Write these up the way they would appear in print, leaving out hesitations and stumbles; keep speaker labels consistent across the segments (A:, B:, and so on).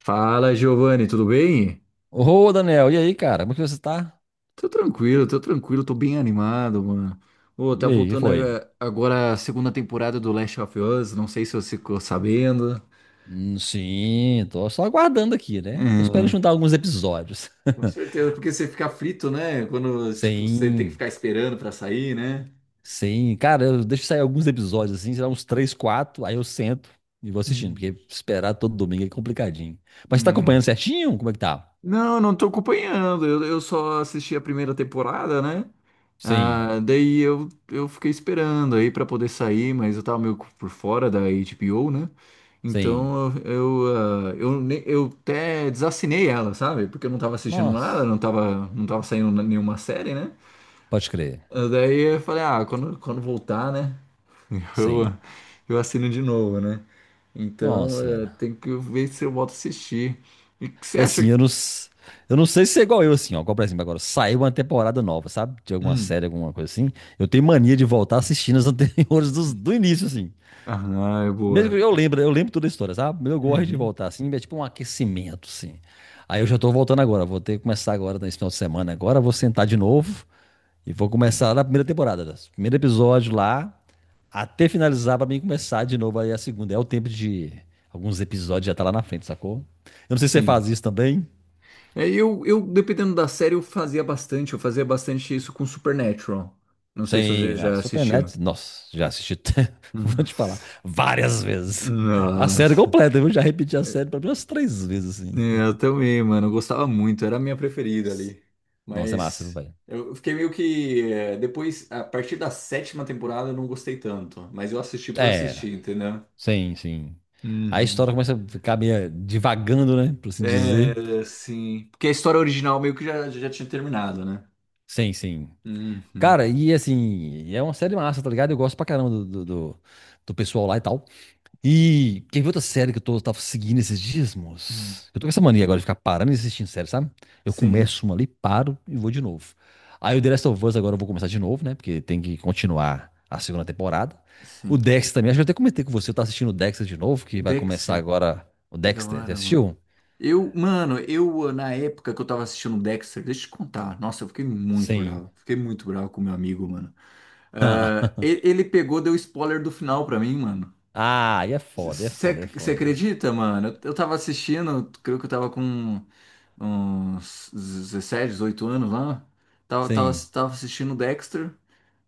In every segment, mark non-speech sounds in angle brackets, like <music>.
A: Fala, Giovanni, tudo bem?
B: Ô, Daniel, e aí, cara? Como que você tá?
A: Tô tranquilo, tô tranquilo, tô bem animado, mano. Ô, tá
B: E aí, o que
A: voltando
B: foi?
A: agora a segunda temporada do Last of Us, não sei se você ficou sabendo.
B: Sim, tô só aguardando aqui, né? Tô esperando
A: É.
B: juntar alguns episódios.
A: Com
B: <laughs>
A: certeza, porque você fica frito, né? Quando, tipo, você tem que
B: Sim,
A: ficar esperando pra sair, né?
B: sim. Cara, eu deixo sair alguns episódios, assim, sei lá, uns três, quatro, aí eu sento e vou assistindo,
A: Hum.
B: porque esperar todo domingo é complicadinho. Mas você tá acompanhando
A: Hum.
B: certinho? Como é que tá?
A: Não, não tô acompanhando, eu só assisti a primeira temporada, né?
B: Sim,
A: Ah, daí eu fiquei esperando aí pra poder sair, mas eu tava meio por fora da HBO, né?
B: sim.
A: Então eu, ah, eu, ne- eu até desassinei ela, sabe? Porque eu não tava assistindo nada,
B: Nossa,
A: não tava saindo nenhuma série, né?
B: pode crer.
A: Ah, daí eu falei, ah, quando voltar, né? <laughs> Eu,
B: Sim.
A: eu assino de novo, né? Então
B: Nossa, cara.
A: tem que ver se eu volto a assistir. E o que você
B: E
A: acha?
B: assim, eu não, eu não sei se é igual eu, assim, ó. Igual, por exemplo, agora saiu uma temporada nova, sabe? De alguma
A: Hum.
B: série, alguma coisa assim. Eu tenho mania de voltar assistindo as <laughs> anteriores do início, assim.
A: Ah, é
B: Mesmo que
A: boa.
B: eu lembro toda a história, sabe? Eu gosto de
A: Uhum.
B: voltar, assim, é tipo um aquecimento, assim. Aí eu já tô voltando agora, vou ter que começar agora nesse final de semana. Agora eu vou sentar de novo e vou começar na primeira temporada, né? Primeiro episódio lá, até finalizar pra mim começar de novo aí a segunda. É o tempo de alguns episódios já tá lá na frente, sacou? Eu não sei se você faz
A: Sim.
B: isso também.
A: É, eu, dependendo da série, eu fazia bastante. Eu fazia bastante isso com Supernatural. Não sei se
B: Sim,
A: você
B: a
A: já assistiu.
B: Supernatural,
A: <laughs>
B: nossa, já assisti, <laughs> vou te falar, várias
A: Uhum.
B: vezes. A série
A: Nossa.
B: completa, eu já repeti a
A: É,
B: série pelo menos três vezes, assim.
A: eu também, mano. Eu gostava muito. Era a minha preferida ali.
B: Nossa, é massa, viu,
A: Mas
B: velho?
A: eu fiquei meio que. Depois, a partir da sétima temporada, eu não gostei tanto. Mas eu assisti por
B: É,
A: assistir, entendeu?
B: sim, sim. A
A: Uhum.
B: história começa a ficar meio divagando, né? Por assim dizer.
A: É, sim. Porque a história original meio que já tinha terminado, né?
B: Sim, sim.
A: Uhum.
B: Cara, e assim, é uma série massa, tá ligado? Eu gosto pra caramba do pessoal lá e tal. E quer ver outra série que eu tô, tava seguindo esses dias,
A: Uhum.
B: moço? Eu tô com essa mania agora de ficar parando e assistindo série, sabe? Eu
A: Sim,
B: começo uma ali, paro e vou de novo. Aí o The Last of Us agora eu vou começar de novo, né? Porque tem que continuar a segunda temporada. O
A: sim.
B: Dexter também, acho que eu até comentei com você, eu tô assistindo o Dexter de novo, que vai começar
A: Dexter.
B: agora o
A: Que da
B: Dexter. Você
A: hora, mano.
B: assistiu?
A: Eu, na época que eu tava assistindo o Dexter, deixa eu te contar. Nossa, eu fiquei muito
B: Sim.
A: bravo. Fiquei muito bravo com meu amigo, mano. Ah,
B: <laughs>
A: ele pegou, deu spoiler do final pra mim, mano.
B: Ah, e é foda, é foda, é
A: Você
B: foda.
A: acredita, mano? Eu tava assistindo, creio que eu tava com uns 17, 18 anos lá. Tava, tava,
B: Sim.
A: tava assistindo o Dexter.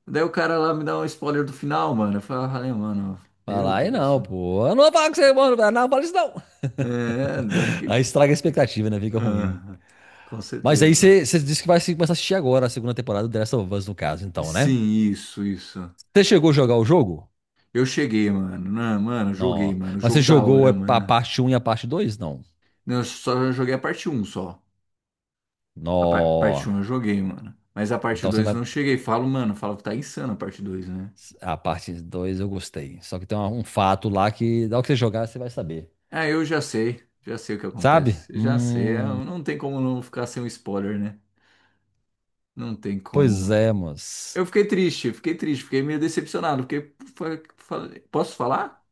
A: Daí o cara lá me dá um spoiler do final, mano. Eu falei, ah, mano, meu
B: Fala, aí
A: Deus.
B: não, pô. Eu não vou falar com você, mano. Não, fala isso não. <laughs>
A: É, daí eu
B: Aí
A: fiquei.
B: estraga a expectativa, né? Fica ruim.
A: Aham, com
B: Mas aí
A: certeza.
B: você você disse que vai começar a assistir agora a segunda temporada do The Last of Us, no caso, então, né?
A: Sim, isso, isso.
B: Você chegou a jogar o jogo?
A: Eu cheguei, mano. Não, mano, joguei,
B: Não.
A: mano.
B: Mas você
A: Jogo da
B: jogou é,
A: hora,
B: a
A: mano.
B: parte um e a parte dois? Não.
A: Não, eu só joguei a parte um só. A par-
B: Não.
A: parte um eu joguei, mano. Mas a parte
B: Então você
A: 2
B: não
A: eu
B: vai.
A: não cheguei. Falo, mano, falo que tá insano a parte dois, né?
B: A parte 2 eu gostei. Só que tem um fato lá que, ao que você jogar, você vai saber.
A: Ah, eu já sei. Já sei o que
B: Sabe?
A: acontece. Já sei.
B: Hum.
A: Não tem como não ficar sem um spoiler, né? Não tem como,
B: Pois
A: mano.
B: é, moço.
A: Eu fiquei triste, fiquei triste, fiquei meio decepcionado. Porque. Posso falar?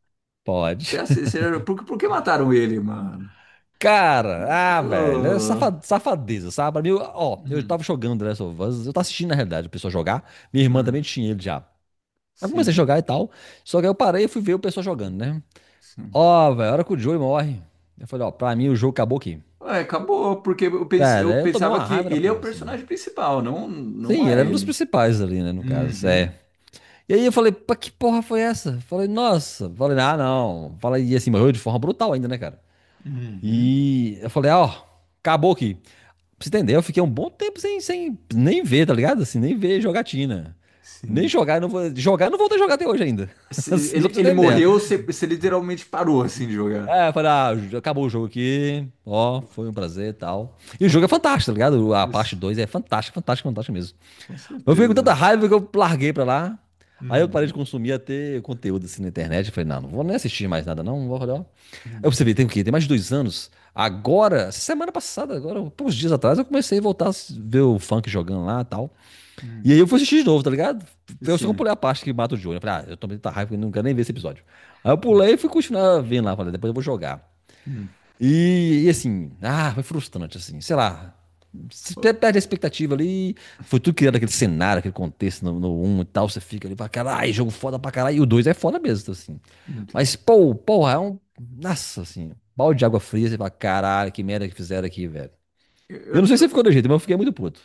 B: Pode.
A: É
B: <laughs>
A: assim, por que mataram ele, mano?
B: Cara, ah, velho, é
A: Oh,
B: safadeza, sabe? Pra mim, ó, eu
A: hum,
B: tava jogando The Last of Us, eu tava assistindo, na realidade, a pessoa jogar. Minha irmã também
A: hum,
B: tinha ele já. Aí comecei a
A: Sim.
B: jogar e tal. Só que aí eu parei e fui ver o pessoal jogando, né?
A: Sim.
B: Ó, velho, a hora que o Joey morre. Eu falei, ó, pra mim o jogo acabou aqui.
A: Ué, acabou, porque eu
B: Cara, eu tomei
A: pensava
B: uma
A: que
B: raiva da
A: ele é o
B: porra, assim.
A: personagem principal, não,
B: Sim,
A: não
B: ele
A: a
B: era um dos
A: Ellie.
B: principais ali, né, no caso.
A: Uhum,
B: É. E aí eu falei, pá, que porra foi essa? Falei, nossa. Falei, ah, não. Falei, e assim, morreu de forma brutal ainda, né, cara?
A: uhum.
B: E eu falei, ah, ó, acabou aqui. Pra você entender, eu fiquei um bom tempo sem nem ver, tá ligado? Assim, nem ver jogatina. Nem
A: Sim.
B: jogar, eu não vou. Jogar, eu não vou ter jogar até hoje ainda. <laughs> Assim, só
A: Ele,
B: pra você
A: ele
B: entender.
A: morreu, você literalmente parou assim de jogar.
B: É, eu falei, ah, acabou o jogo aqui, ó, foi um prazer e tal. E o jogo é fantástico, tá ligado? A parte
A: Isso,
B: 2 é fantástica, fantástica, fantástica mesmo.
A: com
B: Mas eu fiquei com tanta
A: certeza.
B: raiva que eu larguei pra lá. Aí eu parei de
A: Uhum,
B: consumir até conteúdo assim na internet. Eu falei, não, não vou nem assistir mais nada, não. Não vou olhar. Eu
A: uhum,
B: percebi, tem o quê? Tem mais de 2 anos. Agora, essa semana passada, agora, poucos dias atrás, eu comecei a voltar a ver o funk jogando lá e tal. E aí
A: uhum,
B: eu fui assistir de novo, tá ligado? Eu só
A: Sim.
B: pulei a parte que mata o Johnny. Eu falei, ah, eu tomei tanta raiva que eu não quero nem ver esse episódio. Aí eu pulei e fui continuar vendo lá. Falei, depois eu vou jogar.
A: Uhum.
B: E assim, ah, foi frustrante, assim, sei lá. Você
A: Ó,
B: perde a expectativa ali, foi tudo criando aquele cenário, aquele contexto no 1 e tal, você fica ali pra caralho, jogo foda pra caralho, e o 2 é foda mesmo, assim. Mas,
A: entendi.
B: pô, porra, é um. Nossa, assim, balde de água fria, você fala, caralho, que merda que fizeram aqui, velho.
A: Eu,
B: Eu não
A: eu-
B: sei se
A: eu-
B: ficou do jeito, mas eu fiquei muito puto.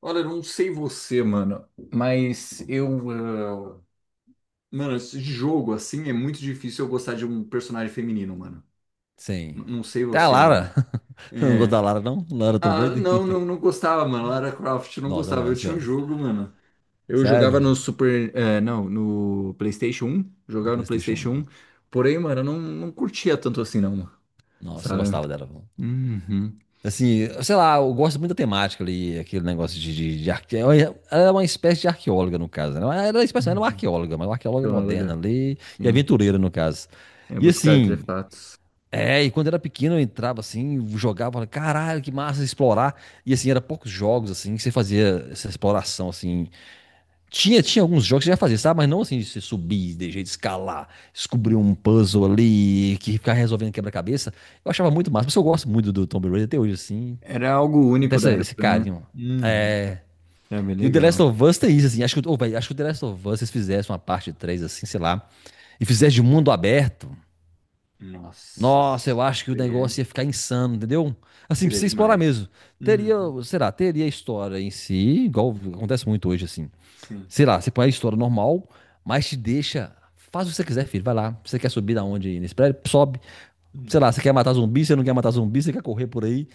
A: olha, eu não sei você, mano, mas eh, Mano, esse jogo assim é muito difícil eu gostar de um personagem feminino, mano. N-
B: Sim.
A: Não sei
B: Até a
A: você,
B: Lara.
A: mano.
B: <laughs> Eu não gosto
A: É.
B: da Lara, não? Lara Tomb
A: Ah,
B: Raider?
A: não, não, não gostava, mano. Lara Croft
B: <laughs>
A: não
B: Nossa, eu
A: gostava. Eu
B: gosto
A: tinha um
B: dela.
A: jogo, mano. Eu jogava no
B: Sério?
A: Super. Não, no PlayStation 1.
B: Do
A: Jogava no
B: PlayStation
A: PlayStation 1.
B: 1.
A: Porém, mano, eu não curtia tanto assim, não, mano.
B: Nossa, eu
A: Sabe?
B: gostava dela.
A: Uhum.
B: Assim, sei lá, eu gosto muito da temática ali, aquele negócio de arque... Ela é uma espécie de arqueóloga, no caso, né? Ela era uma espécie, era uma
A: Uhum.
B: arqueóloga, mas uma arqueóloga
A: Claro,
B: moderna
A: cara.
B: ali e
A: Sim.
B: aventureira, no caso.
A: É
B: E
A: buscar
B: assim,
A: artefatos.
B: é, e quando era pequeno eu entrava assim, jogava, falava, caralho, que massa explorar. E assim, era poucos jogos assim que você fazia essa exploração assim. Tinha, tinha alguns jogos que você já fazia, sabe? Mas não assim de você subir, de jeito de escalar, descobrir um puzzle ali, que ficar resolvendo quebra-cabeça. Eu achava muito massa, mas eu gosto muito do Tomb Raider até hoje, assim.
A: Era algo
B: Até
A: único da
B: esse
A: época, né?
B: carinho.
A: Uhum.
B: É.
A: Era bem
B: E o The Last
A: legal.
B: of Us tem isso, assim. Acho que, ô, véi, acho que o The Last of Us, se eles fizessem uma parte 3 assim, sei lá, e fizessem de mundo aberto,
A: Nossa,
B: nossa, eu acho que o
A: seria,
B: negócio ia ficar insano, entendeu? Assim, pra
A: seria
B: você explorar
A: demais.
B: mesmo. Teria,
A: Uhum.
B: sei lá, teria a história em si, igual acontece muito hoje, assim.
A: Sim.
B: Sei lá, você põe a história normal, mas te deixa. Faz o que você quiser, filho. Vai lá. Você quer subir da onde nesse prédio? Sobe. Sei
A: Hum.
B: lá, você quer matar zumbi, você não quer matar zumbi, você quer correr por aí.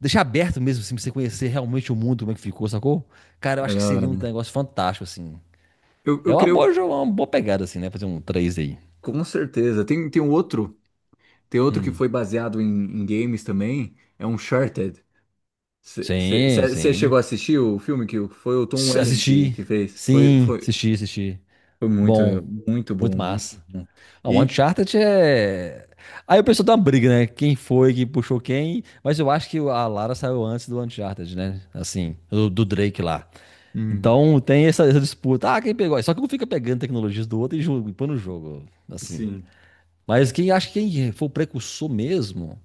B: Deixar aberto mesmo, assim, pra você conhecer realmente o mundo, como é que ficou, sacou? Cara, eu
A: É
B: acho
A: da
B: que
A: hora.
B: seria um negócio fantástico, assim.
A: Eu,
B: É
A: eu
B: uma
A: creio,
B: boa, uma boa pegada, assim, né? Fazer um 3 aí.
A: com certeza. Tem um outro, tem outro que
B: Hum.
A: foi baseado em games também, é um Uncharted.
B: Sim,
A: Você
B: sim.
A: chegou a assistir o filme que foi o Tom Welling que,
B: Assisti.
A: que fez? Foi,
B: Sim,
A: foi,
B: assisti, assisti.
A: foi muito,
B: Bom,
A: muito
B: muito
A: bom, muito
B: massa.
A: bom.
B: Ah, o
A: E,
B: Uncharted é. Aí o pessoal dá uma briga, né? Quem foi que puxou quem? Mas eu acho que a Lara saiu antes do Uncharted, né? Assim, do Drake lá.
A: hum,
B: Então tem essa disputa. Ah, quem pegou? Só que um fica pegando tecnologias do outro e jogo, e põe no jogo, assim.
A: sim,
B: Mas quem acha que quem foi o precursor mesmo,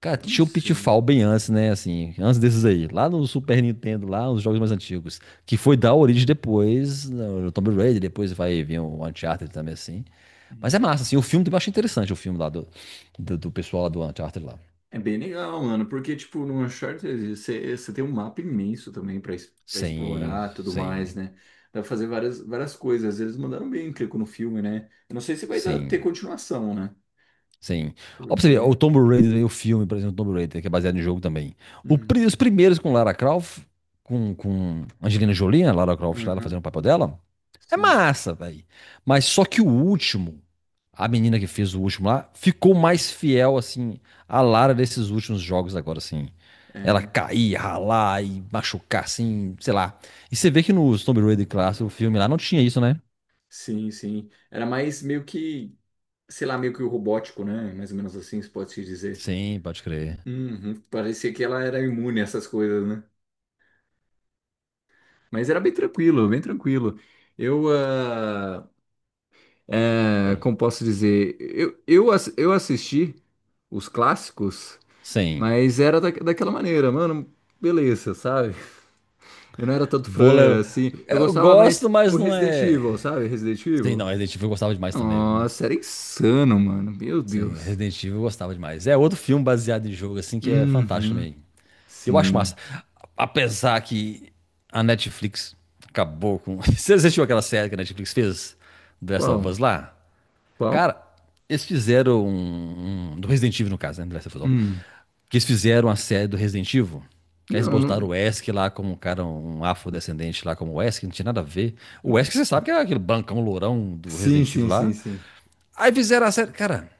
B: cara,
A: eu não
B: tinha um
A: sei.
B: Pitfall bem antes, né? Assim, antes desses aí, lá no Super Nintendo, lá nos jogos mais antigos, que foi dar origem depois, no Tomb Raider, depois vai vir o Uncharted também, assim. Mas é
A: Hum.
B: massa, assim, o filme também eu acho interessante, o filme lá do pessoal lá do Uncharted lá.
A: É bem legal, mano, porque, tipo, no Uncharted você tem um mapa imenso também pra pra
B: Sim,
A: explorar e tudo mais,
B: sim,
A: né? Dá pra fazer várias, várias coisas. Eles mandaram bem, clico no filme, né? Eu não sei se vai ter
B: sim.
A: continuação, né?
B: Sim. Ó, pra você ver,
A: Porque.
B: o Tomb Raider, o filme, por exemplo, Tomb Raider, que é baseado no jogo também.
A: Hum.
B: Os primeiros com Lara Croft, com Angelina Jolie, né, Lara Croft lá, ela fazendo o
A: Aham.
B: papel dela, é
A: Sim.
B: massa, velho. Mas só que o último, a menina que fez o último lá, ficou mais fiel, assim, à Lara desses últimos jogos agora, assim. Ela
A: É.
B: cair, ralar e machucar, assim, sei lá. E você vê que no Tomb Raider clássico, o filme lá, não tinha isso, né?
A: Sim, sim. Era mais meio que, sei lá, meio que o robótico, né? Mais ou menos assim, se pode se dizer.
B: Sim, pode crer.
A: Uhum. Parecia que ela era imune a essas coisas, né? Mas era bem tranquilo, bem tranquilo. Eu. É,
B: Sim.
A: como posso dizer, eu assisti os clássicos,
B: Sim.
A: mas era daquela maneira, mano, beleza, sabe? Eu não era tanto
B: Vôlei,
A: fã, assim, eu
B: eu
A: gostava mais
B: gosto,
A: do
B: mas não
A: Resident Evil,
B: é.
A: sabe? Resident
B: Sei
A: Evil.
B: não, Resident Evil eu gostava demais também, viu?
A: Nossa, era insano, mano, meu
B: Sim,
A: Deus.
B: Resident Evil eu gostava demais. É outro filme baseado em jogo, assim, que é fantástico
A: Uhum,
B: também. Eu acho massa.
A: sim.
B: Apesar que a Netflix acabou com. <laughs> Você assistiu aquela série que a Netflix fez? The Last of
A: Qual?
B: Us lá?
A: Qual?
B: Cara, eles fizeram do Resident Evil, no caso, né? The Last of Us.
A: Hum.
B: Que eles fizeram a série do Resident Evil. Que eles
A: Não,
B: botaram o
A: não.
B: Wesk lá como um cara, um afrodescendente lá como o Wesk, não tinha nada a ver. O Wesk, você sabe que é aquele bancão lourão do
A: Sim,
B: Resident
A: sim,
B: Evil
A: sim,
B: lá.
A: sim.
B: Aí fizeram a série. Cara,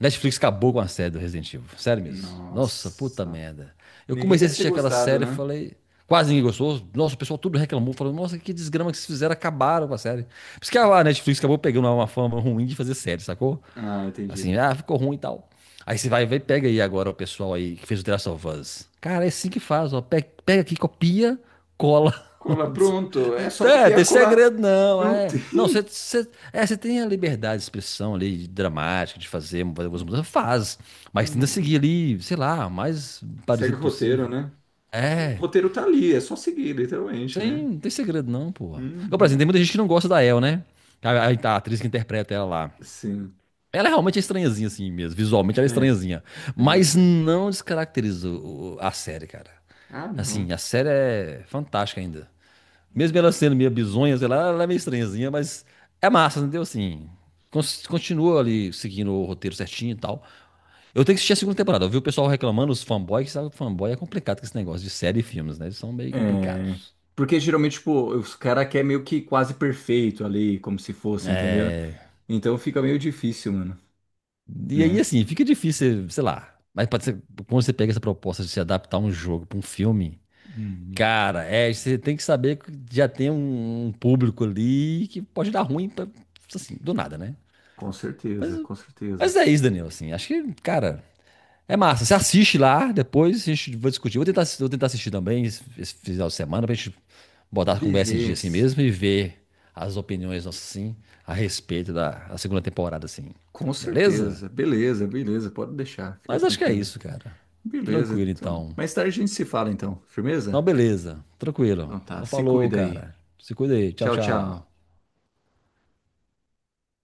B: Netflix acabou com a série do Resident Evil. Sério mesmo. Nossa, puta
A: Nossa.
B: merda. Eu
A: Ninguém
B: comecei a
A: deve ter
B: assistir aquela
A: gostado,
B: série e
A: né?
B: falei. Quase ninguém gostou. Nossa, o pessoal tudo reclamou. Falou, nossa, que desgrama que vocês fizeram. Acabaram com a série. Por isso que a Netflix acabou pegando uma fama ruim de fazer série, sacou?
A: Ah,
B: Assim,
A: entendi.
B: ah, ficou ruim e tal. Aí você vai, vai, pega aí agora o pessoal aí que fez o The Last of Us. Cara, é assim que faz, ó. Pega, pega aqui, copia, cola.
A: Cola,
B: <laughs>
A: pronto.
B: Não
A: É só
B: tem,
A: copiar e
B: tem
A: colar.
B: segredo, não.
A: Não
B: É.
A: tem.
B: Não, você, você, é, você tem a liberdade de expressão ali, de dramática, de fazer algumas mudanças. Faz. Mas tenta
A: Uhum.
B: seguir ali, sei lá, o mais
A: Segue o
B: parecido
A: roteiro,
B: possível.
A: né? O
B: É.
A: roteiro tá ali, é só seguir, literalmente, né?
B: Sem, não tem segredo, não, porra. Eu, por exemplo,
A: Uhum.
B: tem muita gente que não gosta da El, né? A atriz que interpreta ela lá.
A: Sim.
B: Ela é realmente estranhazinha, assim mesmo. Visualmente ela é
A: É,
B: estranhazinha.
A: é meio
B: Mas
A: estranho.
B: não descaracteriza a série, cara.
A: Ah, não.
B: Assim, a série é fantástica ainda. Mesmo ela sendo meio bizonha, sei lá, ela é meio estranhazinha, mas é massa, entendeu? Assim, continua ali seguindo o roteiro certinho e tal. Eu tenho que assistir a segunda temporada. Eu vi o pessoal reclamando, os fanboys, que sabe que fanboy é complicado com esse negócio de série e filmes, né? Eles são meio
A: É,
B: complicados.
A: porque geralmente, tipo, os caras querem meio que quase perfeito ali, como se fosse, entendeu?
B: É...
A: Então fica meio difícil, mano,
B: E aí,
A: né?
B: assim, fica difícil, sei lá. Mas pode ser, quando você pega essa proposta de se adaptar um jogo pra um filme.
A: Uhum.
B: Cara, é, você tem que saber que já tem um público ali que pode dar ruim, pra- assim, do nada, né?
A: Com
B: Mas,
A: certeza, com certeza.
B: mas é isso, Danilo, assim, acho que, cara, é massa. Você assiste lá, depois a gente vai discutir. Vou tentar, vou tentar assistir também esse final de semana pra gente botar a conversa em dia assim
A: Beleza.
B: mesmo e ver as opiniões nossas, assim, a respeito da segunda temporada, assim.
A: Com
B: Beleza?
A: certeza. Beleza, beleza. Pode deixar. Fica
B: Mas acho que é
A: tranquila.
B: isso, cara.
A: Beleza,
B: Tranquilo,
A: então.
B: então.
A: Mais tarde a gente se fala, então.
B: Então,
A: Firmeza?
B: beleza. Tranquilo.
A: Então tá,
B: Então,
A: se
B: falou,
A: cuida aí.
B: cara. Se cuida aí. Tchau,
A: Tchau, tchau.
B: tchau.